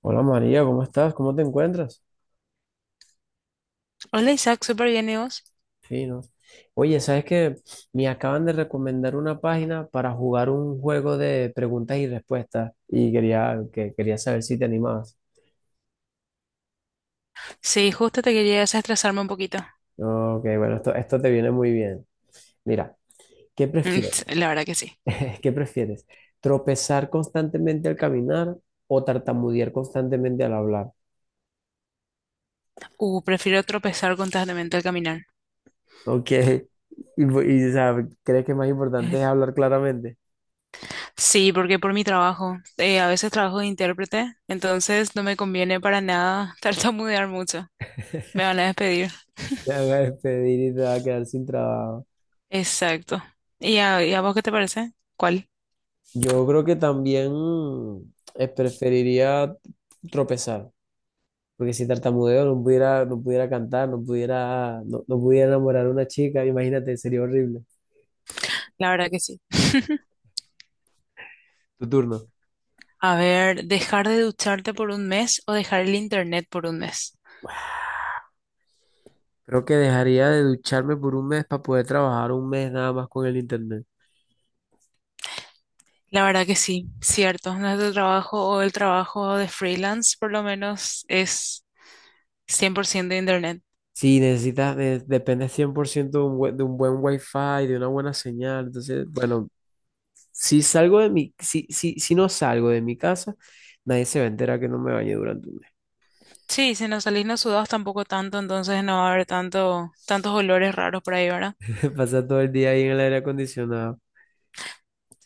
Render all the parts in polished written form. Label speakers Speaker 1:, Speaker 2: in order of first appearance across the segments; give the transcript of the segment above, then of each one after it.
Speaker 1: Hola María, ¿cómo estás? ¿Cómo te encuentras?
Speaker 2: Hola Isaac, súper bien, ¿y vos?
Speaker 1: Fino. Oye, ¿sabes qué? Me acaban de recomendar una página para jugar un juego de preguntas y respuestas y quería saber si te animabas.
Speaker 2: Sí, justo te quería desestresarme un poquito.
Speaker 1: Ok, bueno, esto te viene muy bien. Mira, ¿qué
Speaker 2: Mm,
Speaker 1: prefieres?
Speaker 2: sí, la verdad que sí.
Speaker 1: ¿Qué prefieres? ¿Tropezar constantemente al caminar o tartamudear constantemente al hablar?
Speaker 2: Prefiero tropezar constantemente al caminar.
Speaker 1: Ok, y, o sea, ¿crees que más importante
Speaker 2: Ay.
Speaker 1: es hablar claramente?
Speaker 2: Sí, porque por mi trabajo, a veces trabajo de intérprete, entonces no me conviene para nada tartamudear mucho. Me van a despedir.
Speaker 1: Te van a despedir y te va a quedar sin trabajo.
Speaker 2: Exacto. ¿Y a vos qué te parece? ¿Cuál?
Speaker 1: Yo creo que también preferiría tropezar, porque si tartamudeo no pudiera cantar, no pudiera enamorar a una chica, imagínate, sería horrible.
Speaker 2: La verdad que sí.
Speaker 1: Tu turno.
Speaker 2: A ver, ¿dejar de ducharte por un mes o dejar el internet por un mes?
Speaker 1: Creo que dejaría de ducharme por un mes para poder trabajar un mes nada más con el internet.
Speaker 2: La verdad que sí, cierto. Nuestro trabajo o el trabajo de freelance, por lo menos, es 100% de internet.
Speaker 1: Sí, necesitas, depende cien por ciento de de un buen wifi, de una buena señal, entonces, bueno, si no salgo de mi casa, nadie se va a enterar que no me bañé durante un
Speaker 2: Sí, si nos salís no sudados tampoco tanto, entonces no va a haber tanto, tantos olores raros por ahí, ¿verdad?
Speaker 1: se pasa todo el día ahí en el aire acondicionado.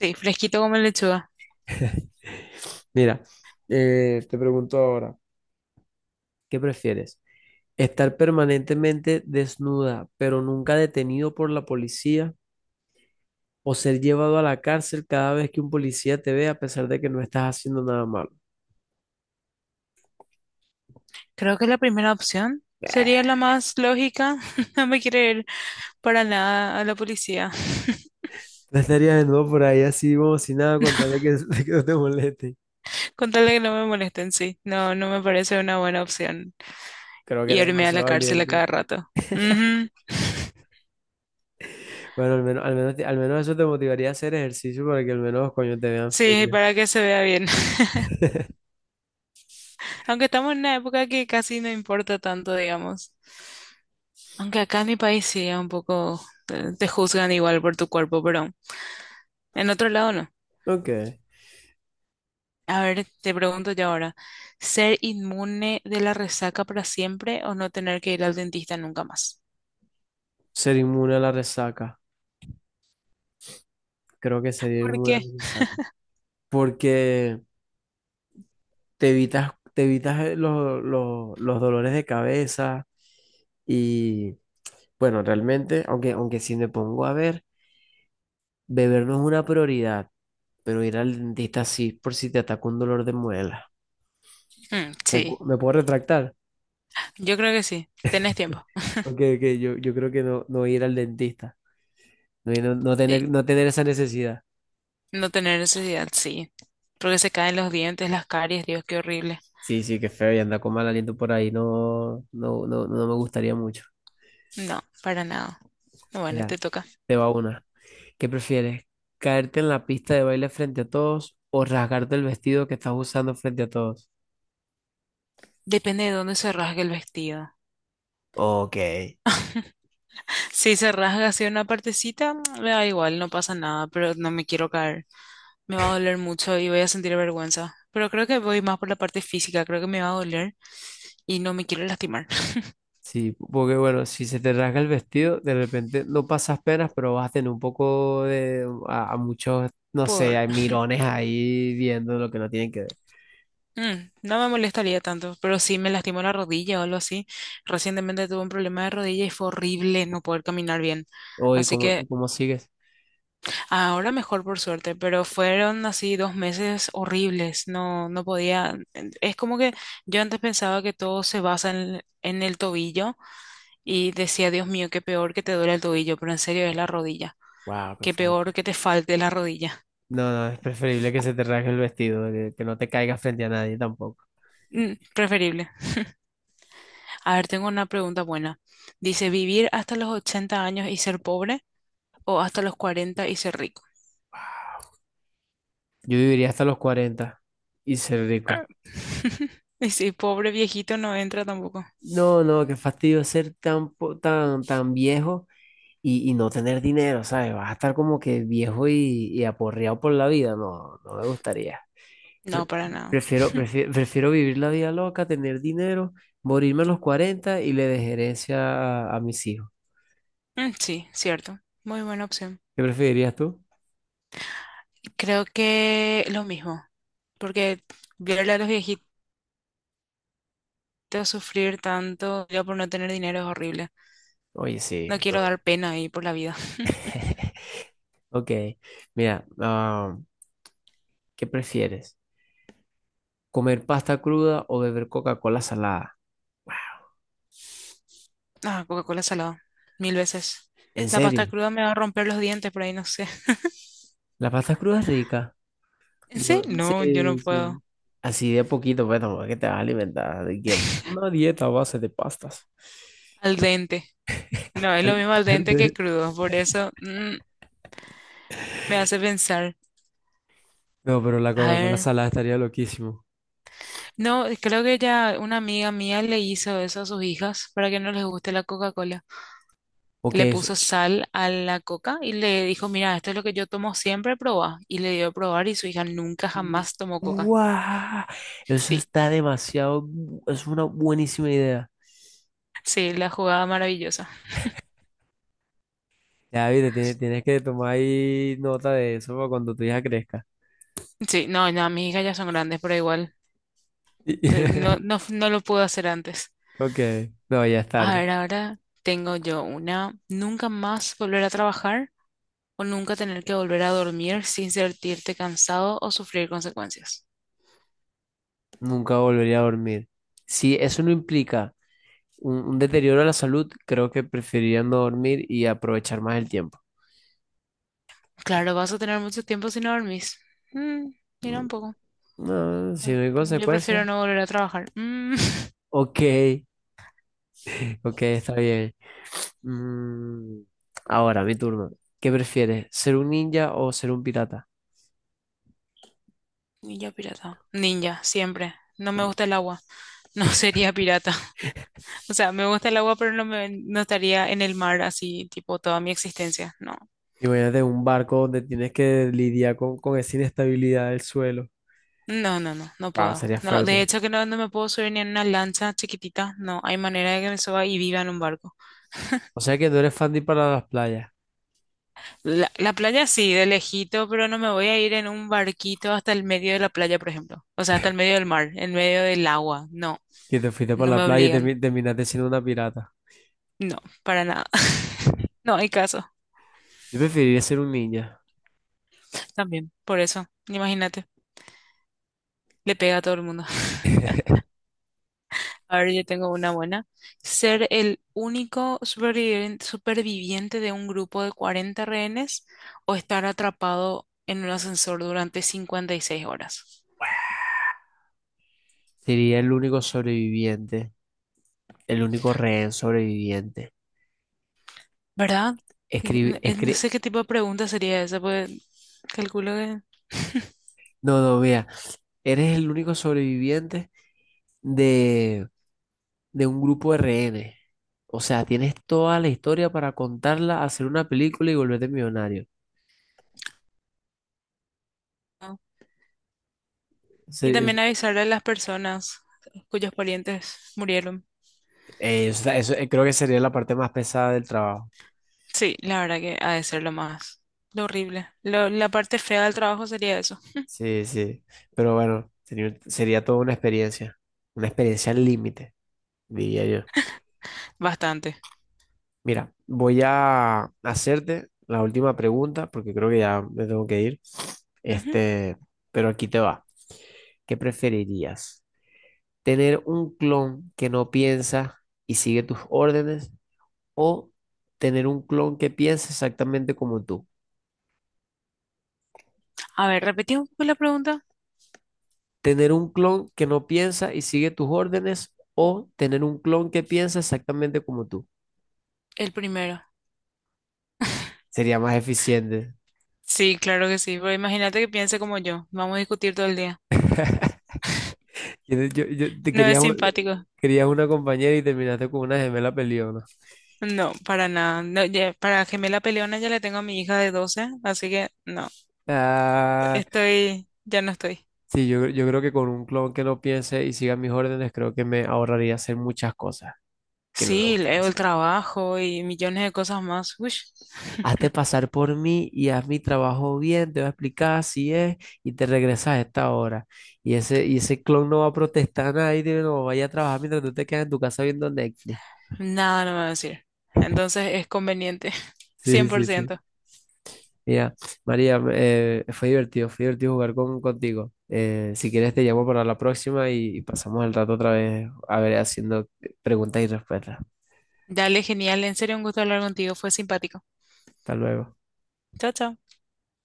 Speaker 2: Sí, fresquito como lechuga.
Speaker 1: Mira, te pregunto ahora, ¿qué prefieres? ¿Estar permanentemente desnuda, pero nunca detenido por la policía? ¿O ser llevado a la cárcel cada vez que un policía te ve a pesar de que no estás haciendo nada malo?
Speaker 2: Creo que la primera opción sería la más lógica. No me quiero ir para nada a la policía.
Speaker 1: No estarías desnudo por ahí así como si nada, con tal de que, que no te moleste.
Speaker 2: Con tal de que no me molesten, sí. No, no me parece una buena opción
Speaker 1: Creo que eres
Speaker 2: irme a
Speaker 1: demasiado
Speaker 2: la cárcel a
Speaker 1: valiente.
Speaker 2: cada rato. Ujú.
Speaker 1: Bueno, al menos eso te motivaría a hacer ejercicio para que al menos, coño, te vean
Speaker 2: Sí,
Speaker 1: fina.
Speaker 2: para que se vea bien. Aunque estamos en una época que casi no importa tanto, digamos. Aunque acá en mi país sí, es un poco te juzgan igual por tu cuerpo, pero en otro lado no.
Speaker 1: Ok.
Speaker 2: A ver, te pregunto yo ahora, ¿ser inmune de la resaca para siempre o no tener que ir al dentista nunca más?
Speaker 1: Ser inmune a la resaca. Creo que sería
Speaker 2: ¿Por
Speaker 1: inmune a
Speaker 2: qué?
Speaker 1: la resaca. Porque te evitas los dolores de cabeza y bueno, realmente, aunque si me pongo a ver, beber no es una prioridad, pero ir al dentista sí, por si te ataca un dolor de muela.
Speaker 2: Mm, sí,
Speaker 1: ¿Me puedo retractar?
Speaker 2: yo creo que sí. Tenés tiempo.
Speaker 1: Aunque yo creo que no, no ir al dentista,
Speaker 2: Y
Speaker 1: no tener esa necesidad.
Speaker 2: no tener necesidad, sí. Porque se caen los dientes, las caries, Dios, qué horrible.
Speaker 1: Sí, sí, qué feo y andar con mal aliento por ahí, no, no, no, no me gustaría mucho.
Speaker 2: No, para nada. Bueno,
Speaker 1: Mira,
Speaker 2: te toca.
Speaker 1: te va una. ¿Qué prefieres? ¿Caerte en la pista de baile frente a todos o rasgarte el vestido que estás usando frente a todos?
Speaker 2: Depende de dónde se rasgue el vestido.
Speaker 1: Ok.
Speaker 2: Si se rasga así una partecita, mm, me da igual, no pasa nada, pero no me quiero caer. Me va a doler mucho y voy a sentir vergüenza. Pero creo que voy más por la parte física, creo que me va a doler y no me quiero lastimar.
Speaker 1: Sí, porque bueno, si se te rasga el vestido, de repente no pasas penas, pero vas a tener un poco de a muchos, no sé,
Speaker 2: Por...
Speaker 1: hay mirones ahí viendo lo que no tienen que ver.
Speaker 2: Mm, no me molestaría tanto, pero sí me lastimó la rodilla o algo así. Recientemente tuve un problema de rodilla y fue horrible no poder caminar bien.
Speaker 1: Oye,
Speaker 2: Así que
Speaker 1: ¿cómo sigues?
Speaker 2: ahora mejor por suerte, pero fueron así 2 meses horribles, no, no podía, es como que yo antes pensaba que todo se basa en el tobillo y decía, Dios mío, qué peor que te duele el tobillo, pero en serio es la rodilla,
Speaker 1: Wow, qué
Speaker 2: qué peor
Speaker 1: fuerte.
Speaker 2: que te falte la rodilla.
Speaker 1: No, no, es preferible que se te rasgue el vestido, que no te caigas frente a nadie tampoco.
Speaker 2: Mm, preferible. A ver, tengo una pregunta buena. Dice, ¿vivir hasta los 80 años y ser pobre o hasta los 40 y ser rico?
Speaker 1: Yo viviría hasta los 40 y ser rico.
Speaker 2: Y si pobre viejito no entra tampoco.
Speaker 1: No, no, qué fastidio ser tan viejo y no tener dinero, ¿sabes? Vas a estar como que viejo y aporreado por la vida. No, no me gustaría. Pre-
Speaker 2: No, para nada.
Speaker 1: Prefiero vivir la vida loca, tener dinero, morirme a los 40 y le dejaré herencia a mis hijos.
Speaker 2: Mm, sí, cierto. Muy buena opción.
Speaker 1: ¿Qué preferirías tú?
Speaker 2: Creo que lo mismo, porque verle a los viejitos sufrir tanto yo por no tener dinero es horrible.
Speaker 1: Oye, sí.
Speaker 2: No quiero
Speaker 1: No.
Speaker 2: dar pena ahí por la vida.
Speaker 1: Ok, mira, ah, ¿qué prefieres? ¿Comer pasta cruda o beber Coca-Cola salada?
Speaker 2: Ah, Coca-Cola salada, mil veces.
Speaker 1: ¿En
Speaker 2: La pasta
Speaker 1: serio?
Speaker 2: cruda me va a romper los dientes por ahí, no sé.
Speaker 1: La pasta cruda es rica.
Speaker 2: ¿En
Speaker 1: No,
Speaker 2: serio? No, yo no
Speaker 1: sí,
Speaker 2: puedo.
Speaker 1: sí. Así de a poquito, pues tampoco es que te vas a alimentar. De que una dieta a base de pastas.
Speaker 2: Al dente. No, es lo
Speaker 1: Ar-
Speaker 2: mismo al dente
Speaker 1: arte.
Speaker 2: que crudo, por eso mm, me hace pensar.
Speaker 1: No, pero la
Speaker 2: A
Speaker 1: coca con la
Speaker 2: ver,
Speaker 1: salada estaría loquísimo.
Speaker 2: no, creo que ya una amiga mía le hizo eso a sus hijas para que no les guste la Coca-Cola. Le
Speaker 1: Porque es.
Speaker 2: puso sal a la coca y le dijo, mira, esto es lo que yo tomo siempre, probá. Y le dio a probar y su hija nunca jamás tomó coca.
Speaker 1: ¡Guau! Eso
Speaker 2: Sí,
Speaker 1: está demasiado. Es una buenísima idea.
Speaker 2: sí, la jugada maravillosa.
Speaker 1: Ya, viste, tienes que tomar ahí nota de eso para cuando tu hija crezca.
Speaker 2: Sí, no, no, mis hijas ya son grandes, pero igual,
Speaker 1: Y-
Speaker 2: no, no, no lo pude hacer antes.
Speaker 1: Ok, no, ya es
Speaker 2: A
Speaker 1: tarde.
Speaker 2: ver, ahora tengo yo una, nunca más volver a trabajar o nunca tener que volver a dormir sin sentirte cansado o sufrir consecuencias.
Speaker 1: Nunca volvería a dormir. Si eso no implica un deterioro a la salud, creo que preferirían no dormir y aprovechar más el tiempo.
Speaker 2: Claro, vas a tener mucho tiempo si no dormís. Mm,
Speaker 1: Mm,
Speaker 2: mira un poco.
Speaker 1: no, si no hay
Speaker 2: Yo
Speaker 1: consecuencias.
Speaker 2: prefiero no volver a trabajar. Mm.
Speaker 1: Ok, ok, está bien. Mm, ahora, mi turno. ¿Qué prefieres, ser un ninja o ser un pirata?
Speaker 2: Ninja pirata. Ninja, siempre. No me gusta el agua. No sería pirata. O sea, me gusta el agua, pero no me, no estaría en el mar así, tipo, toda mi existencia. No.
Speaker 1: Imagínate un barco donde tienes que lidiar con esa inestabilidad del suelo.
Speaker 2: No, no, no, no
Speaker 1: Ah,
Speaker 2: puedo.
Speaker 1: sería
Speaker 2: No, de
Speaker 1: fuerte.
Speaker 2: hecho que no, no me puedo subir ni en una lancha chiquitita. No, hay manera de que me suba y viva en un barco.
Speaker 1: O sea que no eres fan de ir para las playas,
Speaker 2: La playa sí, de lejito, pero no me voy a ir en un barquito hasta el medio de la playa, por ejemplo. O sea, hasta el medio del mar, en medio del agua. No,
Speaker 1: que te fuiste para
Speaker 2: no me
Speaker 1: la playa y
Speaker 2: obligan.
Speaker 1: terminaste siendo una pirata.
Speaker 2: No, para nada. No hay caso.
Speaker 1: Yo preferiría ser un ninja.
Speaker 2: También, por eso, imagínate. Le pega a todo el mundo. A ver, yo tengo una buena. Ser el único superviviente, superviviente de un grupo de 40 rehenes o estar atrapado en un ascensor durante 56 horas.
Speaker 1: Sería el único sobreviviente. El único rehén sobreviviente.
Speaker 2: ¿Verdad? No
Speaker 1: Escribe,
Speaker 2: no
Speaker 1: escribe,
Speaker 2: sé qué tipo de pregunta sería esa, pues calculo que
Speaker 1: no, no, vea, eres el único sobreviviente de, de un grupo de rehenes. O sea, tienes toda la historia para contarla, hacer una película y volverte millonario.
Speaker 2: no. Y también
Speaker 1: Se-
Speaker 2: avisar a las personas cuyos parientes murieron.
Speaker 1: o sea, creo que sería la parte más pesada del trabajo.
Speaker 2: Sí, la verdad que ha de ser lo más, lo horrible. La parte fea del trabajo sería eso.
Speaker 1: Sí, sí. Pero bueno, sería toda una experiencia. Una experiencia al límite, diría yo.
Speaker 2: Bastante.
Speaker 1: Mira, voy a hacerte la última pregunta porque creo que ya me tengo que ir.
Speaker 2: Ujú.
Speaker 1: Este, pero aquí te va. ¿Qué preferirías? ¿Tener un clon que no piensa y sigue tus órdenes o tener un clon que piensa exactamente como tú?
Speaker 2: A ver, repetí un poco la pregunta.
Speaker 1: ¿Tener un clon que no piensa y sigue tus órdenes o tener un clon que piensa exactamente como tú?
Speaker 2: El primero.
Speaker 1: Sería más eficiente.
Speaker 2: Sí, claro que sí, pero imagínate que piense como yo. Vamos a discutir todo el día.
Speaker 1: Te
Speaker 2: No es
Speaker 1: querías,
Speaker 2: simpático.
Speaker 1: querías una compañera y terminaste con una gemela peleona.
Speaker 2: No, para nada. No, para gemela peleona ya le tengo a mi hija de 12, así que no,
Speaker 1: Ah,
Speaker 2: estoy, ya no estoy.
Speaker 1: sí, yo creo que con un clon que no piense y siga mis órdenes, creo que me ahorraría hacer muchas cosas que no me
Speaker 2: Sí,
Speaker 1: gustan
Speaker 2: leo el
Speaker 1: hacer.
Speaker 2: trabajo y millones de cosas más. Uy,
Speaker 1: Hazte pasar por mí y haz mi trabajo bien, te voy a explicar así es y te regresas a esta hora. Y ese clon no va a protestar nada y dice, no, vaya a trabajar mientras tú te quedas en tu casa viendo Netflix.
Speaker 2: nada no me va a decir. Entonces es conveniente,
Speaker 1: Sí,
Speaker 2: cien por
Speaker 1: sí, sí.
Speaker 2: ciento.
Speaker 1: Mira, María, fue divertido jugar contigo. Si quieres te llamo para la próxima y pasamos el rato otra vez a ver haciendo preguntas y respuestas.
Speaker 2: Dale, genial. En serio, un gusto hablar contigo. Fue simpático.
Speaker 1: Hasta luego.
Speaker 2: Chao, chao.